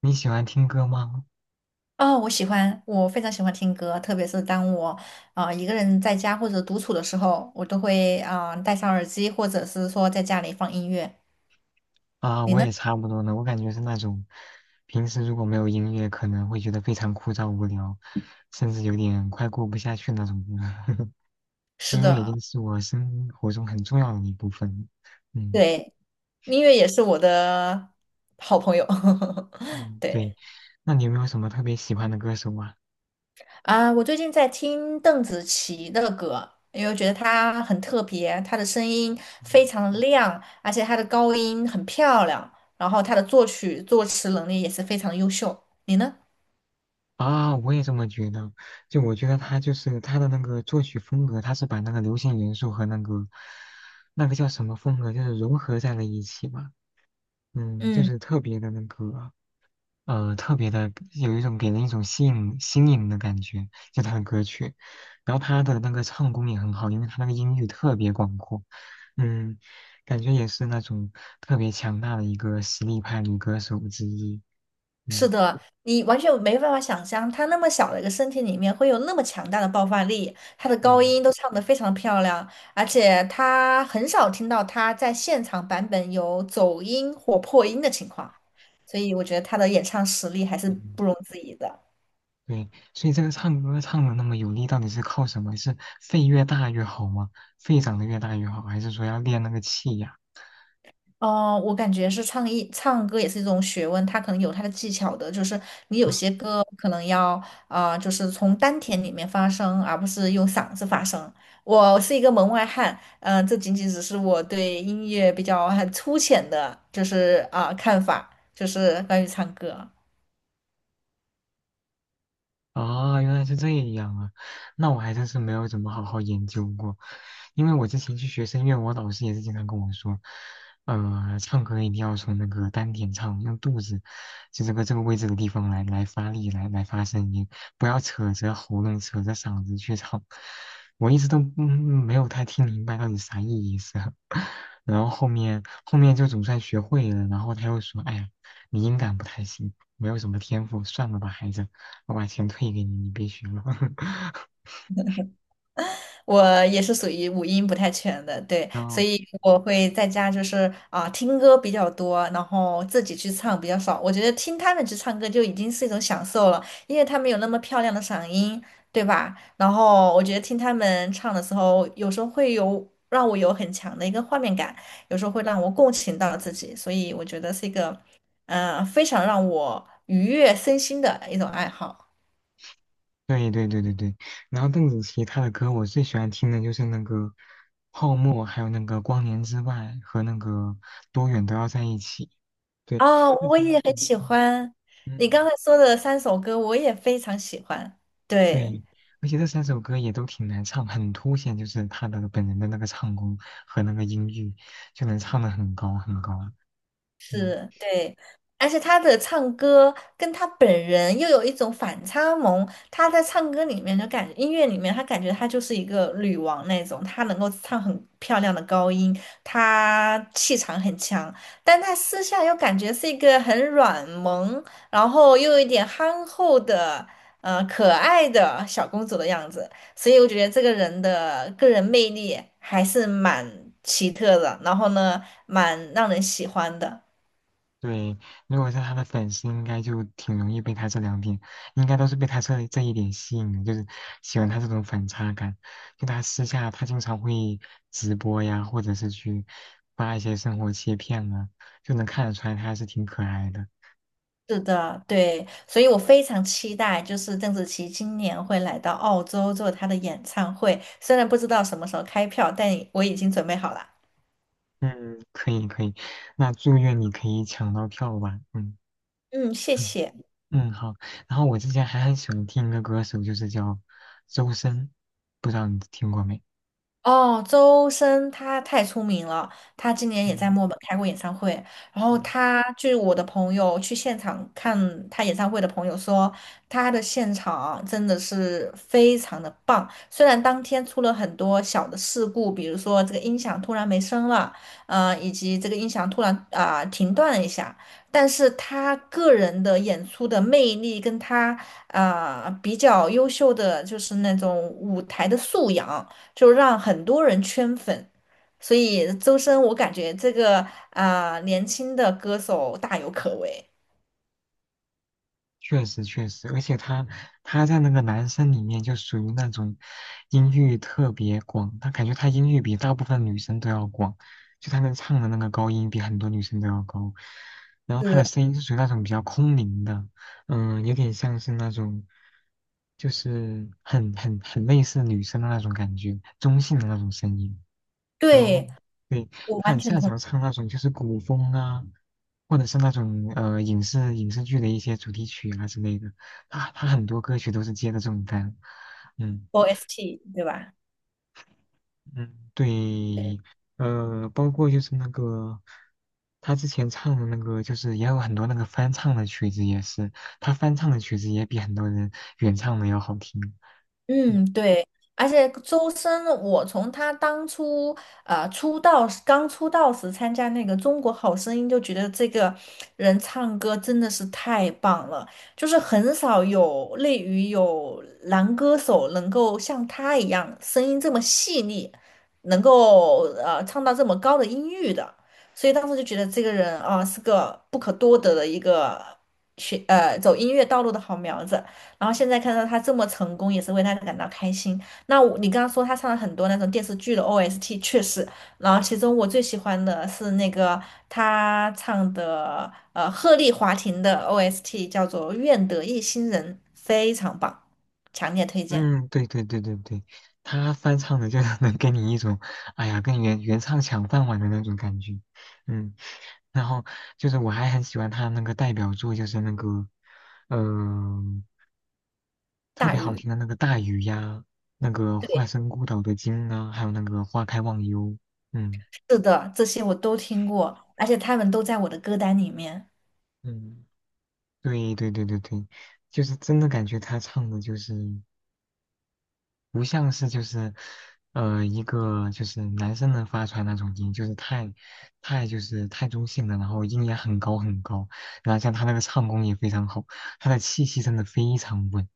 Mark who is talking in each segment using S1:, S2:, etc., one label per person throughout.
S1: 你喜欢听歌吗？
S2: 哦，我喜欢，我非常喜欢听歌，特别是当我一个人在家或者独处的时候，我都会戴上耳机，或者是说在家里放音乐。
S1: 啊，
S2: 你
S1: 我
S2: 呢？
S1: 也差不多呢。我感觉是那种，平时如果没有音乐，可能会觉得非常枯燥无聊，甚至有点快过不下去那种人。
S2: 是
S1: 音乐已
S2: 的，
S1: 经是我生活中很重要的一部分了。嗯
S2: 对，音乐也是我的好朋友。
S1: 嗯，对。
S2: 对
S1: 那你有没有什么特别喜欢的歌手啊？
S2: 我最近在听邓紫棋的歌，因为我觉得她很特别，她的声音非
S1: 嗯
S2: 常的亮，而且她的高音很漂亮，然后她的作曲作词能力也是非常优秀。你呢？
S1: 啊，我也这么觉得。就我觉得他就是他的那个作曲风格，他是把那个流行元素和那个那个叫什么风格，就是融合在了一起吧。嗯，就
S2: 嗯。
S1: 是特别的那个，特别的有一种给人一种吸引新颖的感觉，就他的歌曲。然后他的那个唱功也很好，因为他那个音域特别广阔，嗯，感觉也是那种特别强大的一个实力派女歌手之一。
S2: 是
S1: 嗯
S2: 的，你完全没办法想象，他那么小的一个身体里面会有那么强大的爆发力，他的高
S1: 嗯
S2: 音都唱得非常漂亮，而且他很少听到他在现场版本有走音或破音的情况，所以我觉得他的演唱实力还是
S1: 嗯，
S2: 不容置疑的。
S1: 对，所以这个唱歌唱的那么有力，到底是靠什么？是肺越大越好吗？肺长得越大越好，还是说要练那个气呀？
S2: 哦，我感觉是唱一唱歌也是一种学问，它可能有它的技巧的，就是你有
S1: 嗯
S2: 些歌可能要就是从丹田里面发声，而不是用嗓子发声。我是一个门外汉，嗯、这仅仅只是我对音乐比较很粗浅的，就是看法，就是关于唱歌。
S1: 啊，原来是这样啊，那我还真是没有怎么好好研究过。因为我之前去学声乐，我老师也是经常跟我说，唱歌一定要从那个丹田唱，用肚子，就这个位置的地方来发力，来发声音，不要扯着喉咙、扯着嗓子去唱。我一直都嗯没有太听明白到底啥意思，然后后面就总算学会了，然后他又说，哎呀，你音感不太行，没有什么天赋，算了吧，孩子。我把钱退给你，你别学了。
S2: 我也是属于五音不太全的，对，
S1: 然
S2: 所
S1: 后，
S2: 以我会在家就是听歌比较多，然后自己去唱比较少。我觉得听他们去唱歌就已经是一种享受了，因为他们有那么漂亮的嗓音，对吧？然后我觉得听他们唱的时候，有时候会有让我有很强的一个画面感，有时候会让我共情到自己，所以我觉得是一个非常让我愉悦身心的一种爱好。
S1: 对对对对对，然后邓紫棋她的歌，我最喜欢听的就是那个《泡沫》，还有那个《光年之外》和那个《多远都要在一起》。对，
S2: 哦，
S1: 这
S2: 我
S1: 三
S2: 也很
S1: 嗯
S2: 喜
S1: 嗯
S2: 欢你
S1: 嗯，
S2: 刚才说的三首歌，我也非常喜欢。对。
S1: 对，而且这三首歌也都挺难唱，很凸显就是他的本人的那个唱功和那个音域，就能唱得很高很高。嗯。
S2: 是，对，而且他的唱歌跟他本人又有一种反差萌。他在唱歌里面就感觉，音乐里面他感觉他就是一个女王那种，他能够唱很漂亮的高音，他气场很强，但他私下又感觉是一个很软萌，然后又有一点憨厚的，呃，可爱的小公主的样子。所以我觉得这个人的个人魅力还是蛮奇特的，然后呢，蛮让人喜欢的。
S1: 对，如果是他的粉丝，应该就挺容易被他这两点，应该都是被他这一点吸引的，就是喜欢他这种反差感。就他私下，他经常会直播呀，或者是去发一些生活切片啊，就能看得出来他还是挺可爱的。
S2: 是的，对，所以我非常期待，就是邓紫棋今年会来到澳洲做她的演唱会，虽然不知道什么时候开票，但我已经准备好了。
S1: 嗯，可以可以，那祝愿你可以抢到票吧。嗯
S2: 嗯，谢 谢。
S1: 嗯，好。然后我之前还很喜欢听一个歌手，就是叫周深，不知道你听过没？
S2: 哦，周深他太出名了，他今年也在
S1: 嗯。
S2: 墨尔本开过演唱会。然后
S1: 嗯
S2: 他，据我的朋友去现场看他演唱会的朋友说，他的现场真的是非常的棒。虽然当天出了很多小的事故，比如说这个音响突然没声了，呃，以及这个音响突然停断了一下，但是他个人的演出的魅力跟他比较优秀的就是那种舞台的素养。就让很多人圈粉。所以周深，我感觉这个年轻的歌手大有可为。
S1: 确实确实，而且他在那个男生里面就属于那种音域特别广，他感觉他音域比大部分女生都要广，就他能唱的那个高音比很多女生都要高，然后他的
S2: 是，
S1: 声音是属于那种比较空灵的，嗯，有点像是那种就是很类似女生的那种感觉，中性的那种声音。然后
S2: 对，
S1: 对，
S2: 我
S1: 他
S2: 完
S1: 很
S2: 全
S1: 擅
S2: 同意
S1: 长唱那种就是古风啊，或者是那种影视剧的一些主题曲啊之类的。他很多歌曲都是接的这种单，嗯
S2: OST，对吧？
S1: 嗯，对，包括就是那个他之前唱的那个，就是也有很多那个翻唱的曲子，也是他翻唱的曲子也比很多人原唱的要好听。
S2: 嗯，对，而且周深，我从他当初出道时刚出道时参加那个《中国好声音》，就觉得这个人唱歌真的是太棒了，就是很少有类于有男歌手能够像他一样声音这么细腻，能够唱到这么高的音域的，所以当时就觉得这个人是个不可多得的一个走音乐道路的好苗子。然后现在看到他这么成功，也是为他感到开心。那我你刚刚说他唱了很多那种电视剧的 OST，确实，然后其中我最喜欢的是那个他唱的鹤唳华亭的 OST，叫做《愿得一心人》，非常棒，强烈推荐。
S1: 嗯，对对对对对，他翻唱的就 能给你一种，哎呀，跟原唱抢饭碗的那种感觉。嗯，然后就是我还很喜欢他那个代表作，就是那个，嗯、特
S2: 大
S1: 别好
S2: 鱼，
S1: 听的那个《大鱼》呀，那个《化身孤岛的鲸》啊，还有那个《花开忘忧》。嗯
S2: 是的，这些我都听过，而且他们都在我的歌单里面。
S1: 嗯，对对对对对，就是真的感觉他唱的就是。不像是就是，一个就是男生能发出来那种音，就是太，太就是太中性的，然后音也很高很高，然后像他那个唱功也非常好，他的气息真的非常稳，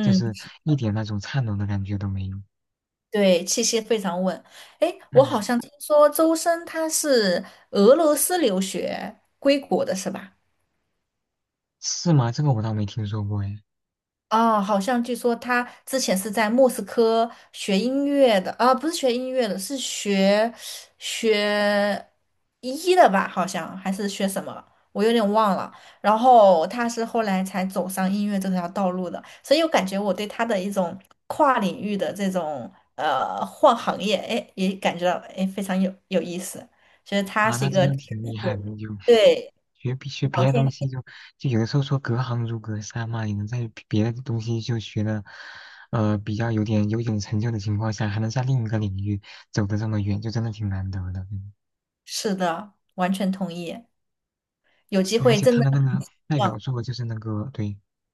S1: 就是一点那种颤抖的感觉都没有。
S2: 对，气息非常稳。诶，我好
S1: 嗯，
S2: 像听说周深他是俄罗斯留学归国的，是吧？
S1: 是吗？这个我倒没听说过哎。
S2: 哦，好像据说他之前是在莫斯科学音乐的，啊，不是学音乐的，是学学医的吧？好像还是学什么，我有点忘了。然后他是后来才走上音乐这条道路的，所以我感觉我对他的一种跨领域的这种换行业，哎，也感觉到哎非常有意思，觉得他
S1: 啊，
S2: 是
S1: 那
S2: 一
S1: 真
S2: 个
S1: 的
S2: 天
S1: 挺厉害
S2: 赋
S1: 的，就。
S2: 对，
S1: 学别学
S2: 聊
S1: 别的
S2: 天
S1: 东西就就有的时候说隔行如隔山嘛，你能在别的东西就学的，比较有点成就的情况下，还能在另一个领域走得这么远，就真的挺难得的。嗯
S2: 是的，完全同意。有机
S1: 对，而
S2: 会
S1: 且
S2: 真
S1: 他
S2: 的。
S1: 的那个代表作就是那个对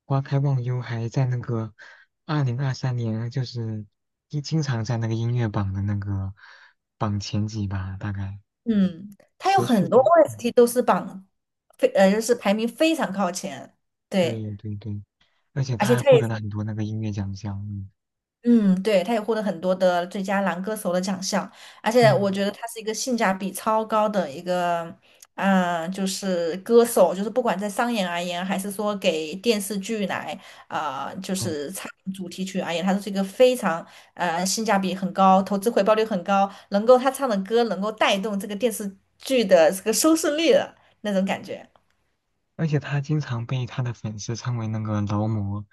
S1: 《花开忘忧》，还在那个二零二三年，就是经常在那个音乐榜的那个榜前几吧，大概
S2: 嗯，它有
S1: 持续
S2: 很多
S1: 就嗯，
S2: OST 都是榜非呃，就是排名非常靠前，对，
S1: 对对对，而且
S2: 而
S1: 他
S2: 且
S1: 还
S2: 它
S1: 获
S2: 也
S1: 得了很多那个音乐奖项，嗯。
S2: 嗯，对，它也获得很多的最佳男歌手的奖项，而且我
S1: 嗯，
S2: 觉得他是一个性价比超高的一个，嗯、就是歌手，就是不管在商演而言，还是说给电视剧来，就
S1: 嗯，
S2: 是唱主题曲而言，他都是一个非常性价比很高、投资回报率很高，能够他唱的歌能够带动这个电视剧的这个收视率的那种感觉。
S1: 而且他经常被他的粉丝称为那个劳模，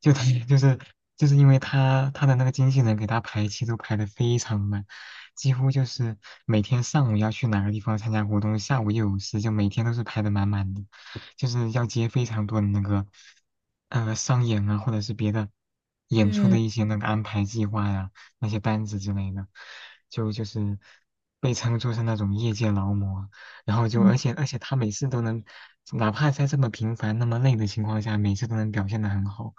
S1: 就他就是就是因为他的那个经纪人给他排期都排的非常满，几乎就是每天上午要去哪个地方参加活动，下午又有事，就每天都是排的满满的，就是要接非常多的那个商演啊，或者是别的演出的
S2: 嗯。
S1: 一些那个安排计划呀、那些单子之类的，就是被称作是那种业界劳模。然后就而
S2: 嗯。
S1: 且而且他每次都能，哪怕在这么平凡、那么累的情况下，每次都能表现得很好，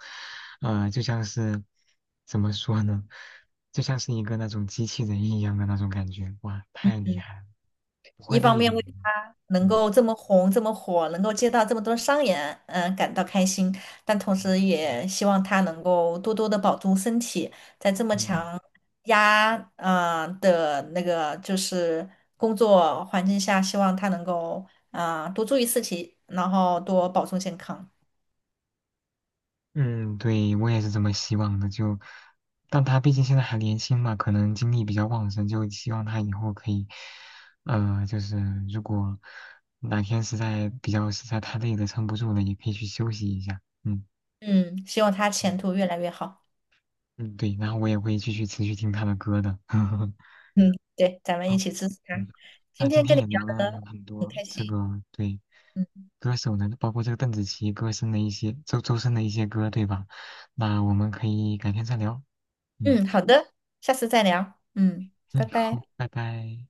S1: 就像是怎么说呢，就像是一个那种机器人一样的那种感觉，哇，太厉
S2: 嗯，
S1: 害了，不会
S2: 一方
S1: 累的，
S2: 面为他能
S1: 嗯
S2: 够这么红、这么火，能够接到这么多商演，嗯、感到开心，但同时也希望他能够多多的保重身体，在这么
S1: 嗯。
S2: 强压的那个就是工作环境下，希望他能够多注意自己，然后多保重健康。
S1: 嗯，对，我也是这么希望的。就，但他毕竟现在还年轻嘛，可能精力比较旺盛，就希望他以后可以，就是如果哪天实在比较实在太累了，撑不住了，也可以去休息一下。嗯
S2: 嗯，希望他
S1: 嗯，
S2: 前途越来越好。
S1: 嗯对，然后我也会继续持续听他的歌的。
S2: 嗯，对，咱们一
S1: 好，
S2: 起支持他。
S1: 嗯，那
S2: 今
S1: 今
S2: 天跟
S1: 天
S2: 你
S1: 也
S2: 聊
S1: 聊了
S2: 得
S1: 很
S2: 很
S1: 多
S2: 开心。
S1: 这个对
S2: 嗯。
S1: 歌手呢，包括这个邓紫棋歌声的一些周深的一些歌，对吧？那我们可以改天再聊。嗯。
S2: 嗯，好的，下次再聊。嗯，
S1: 嗯，
S2: 拜
S1: 好，
S2: 拜。
S1: 拜拜。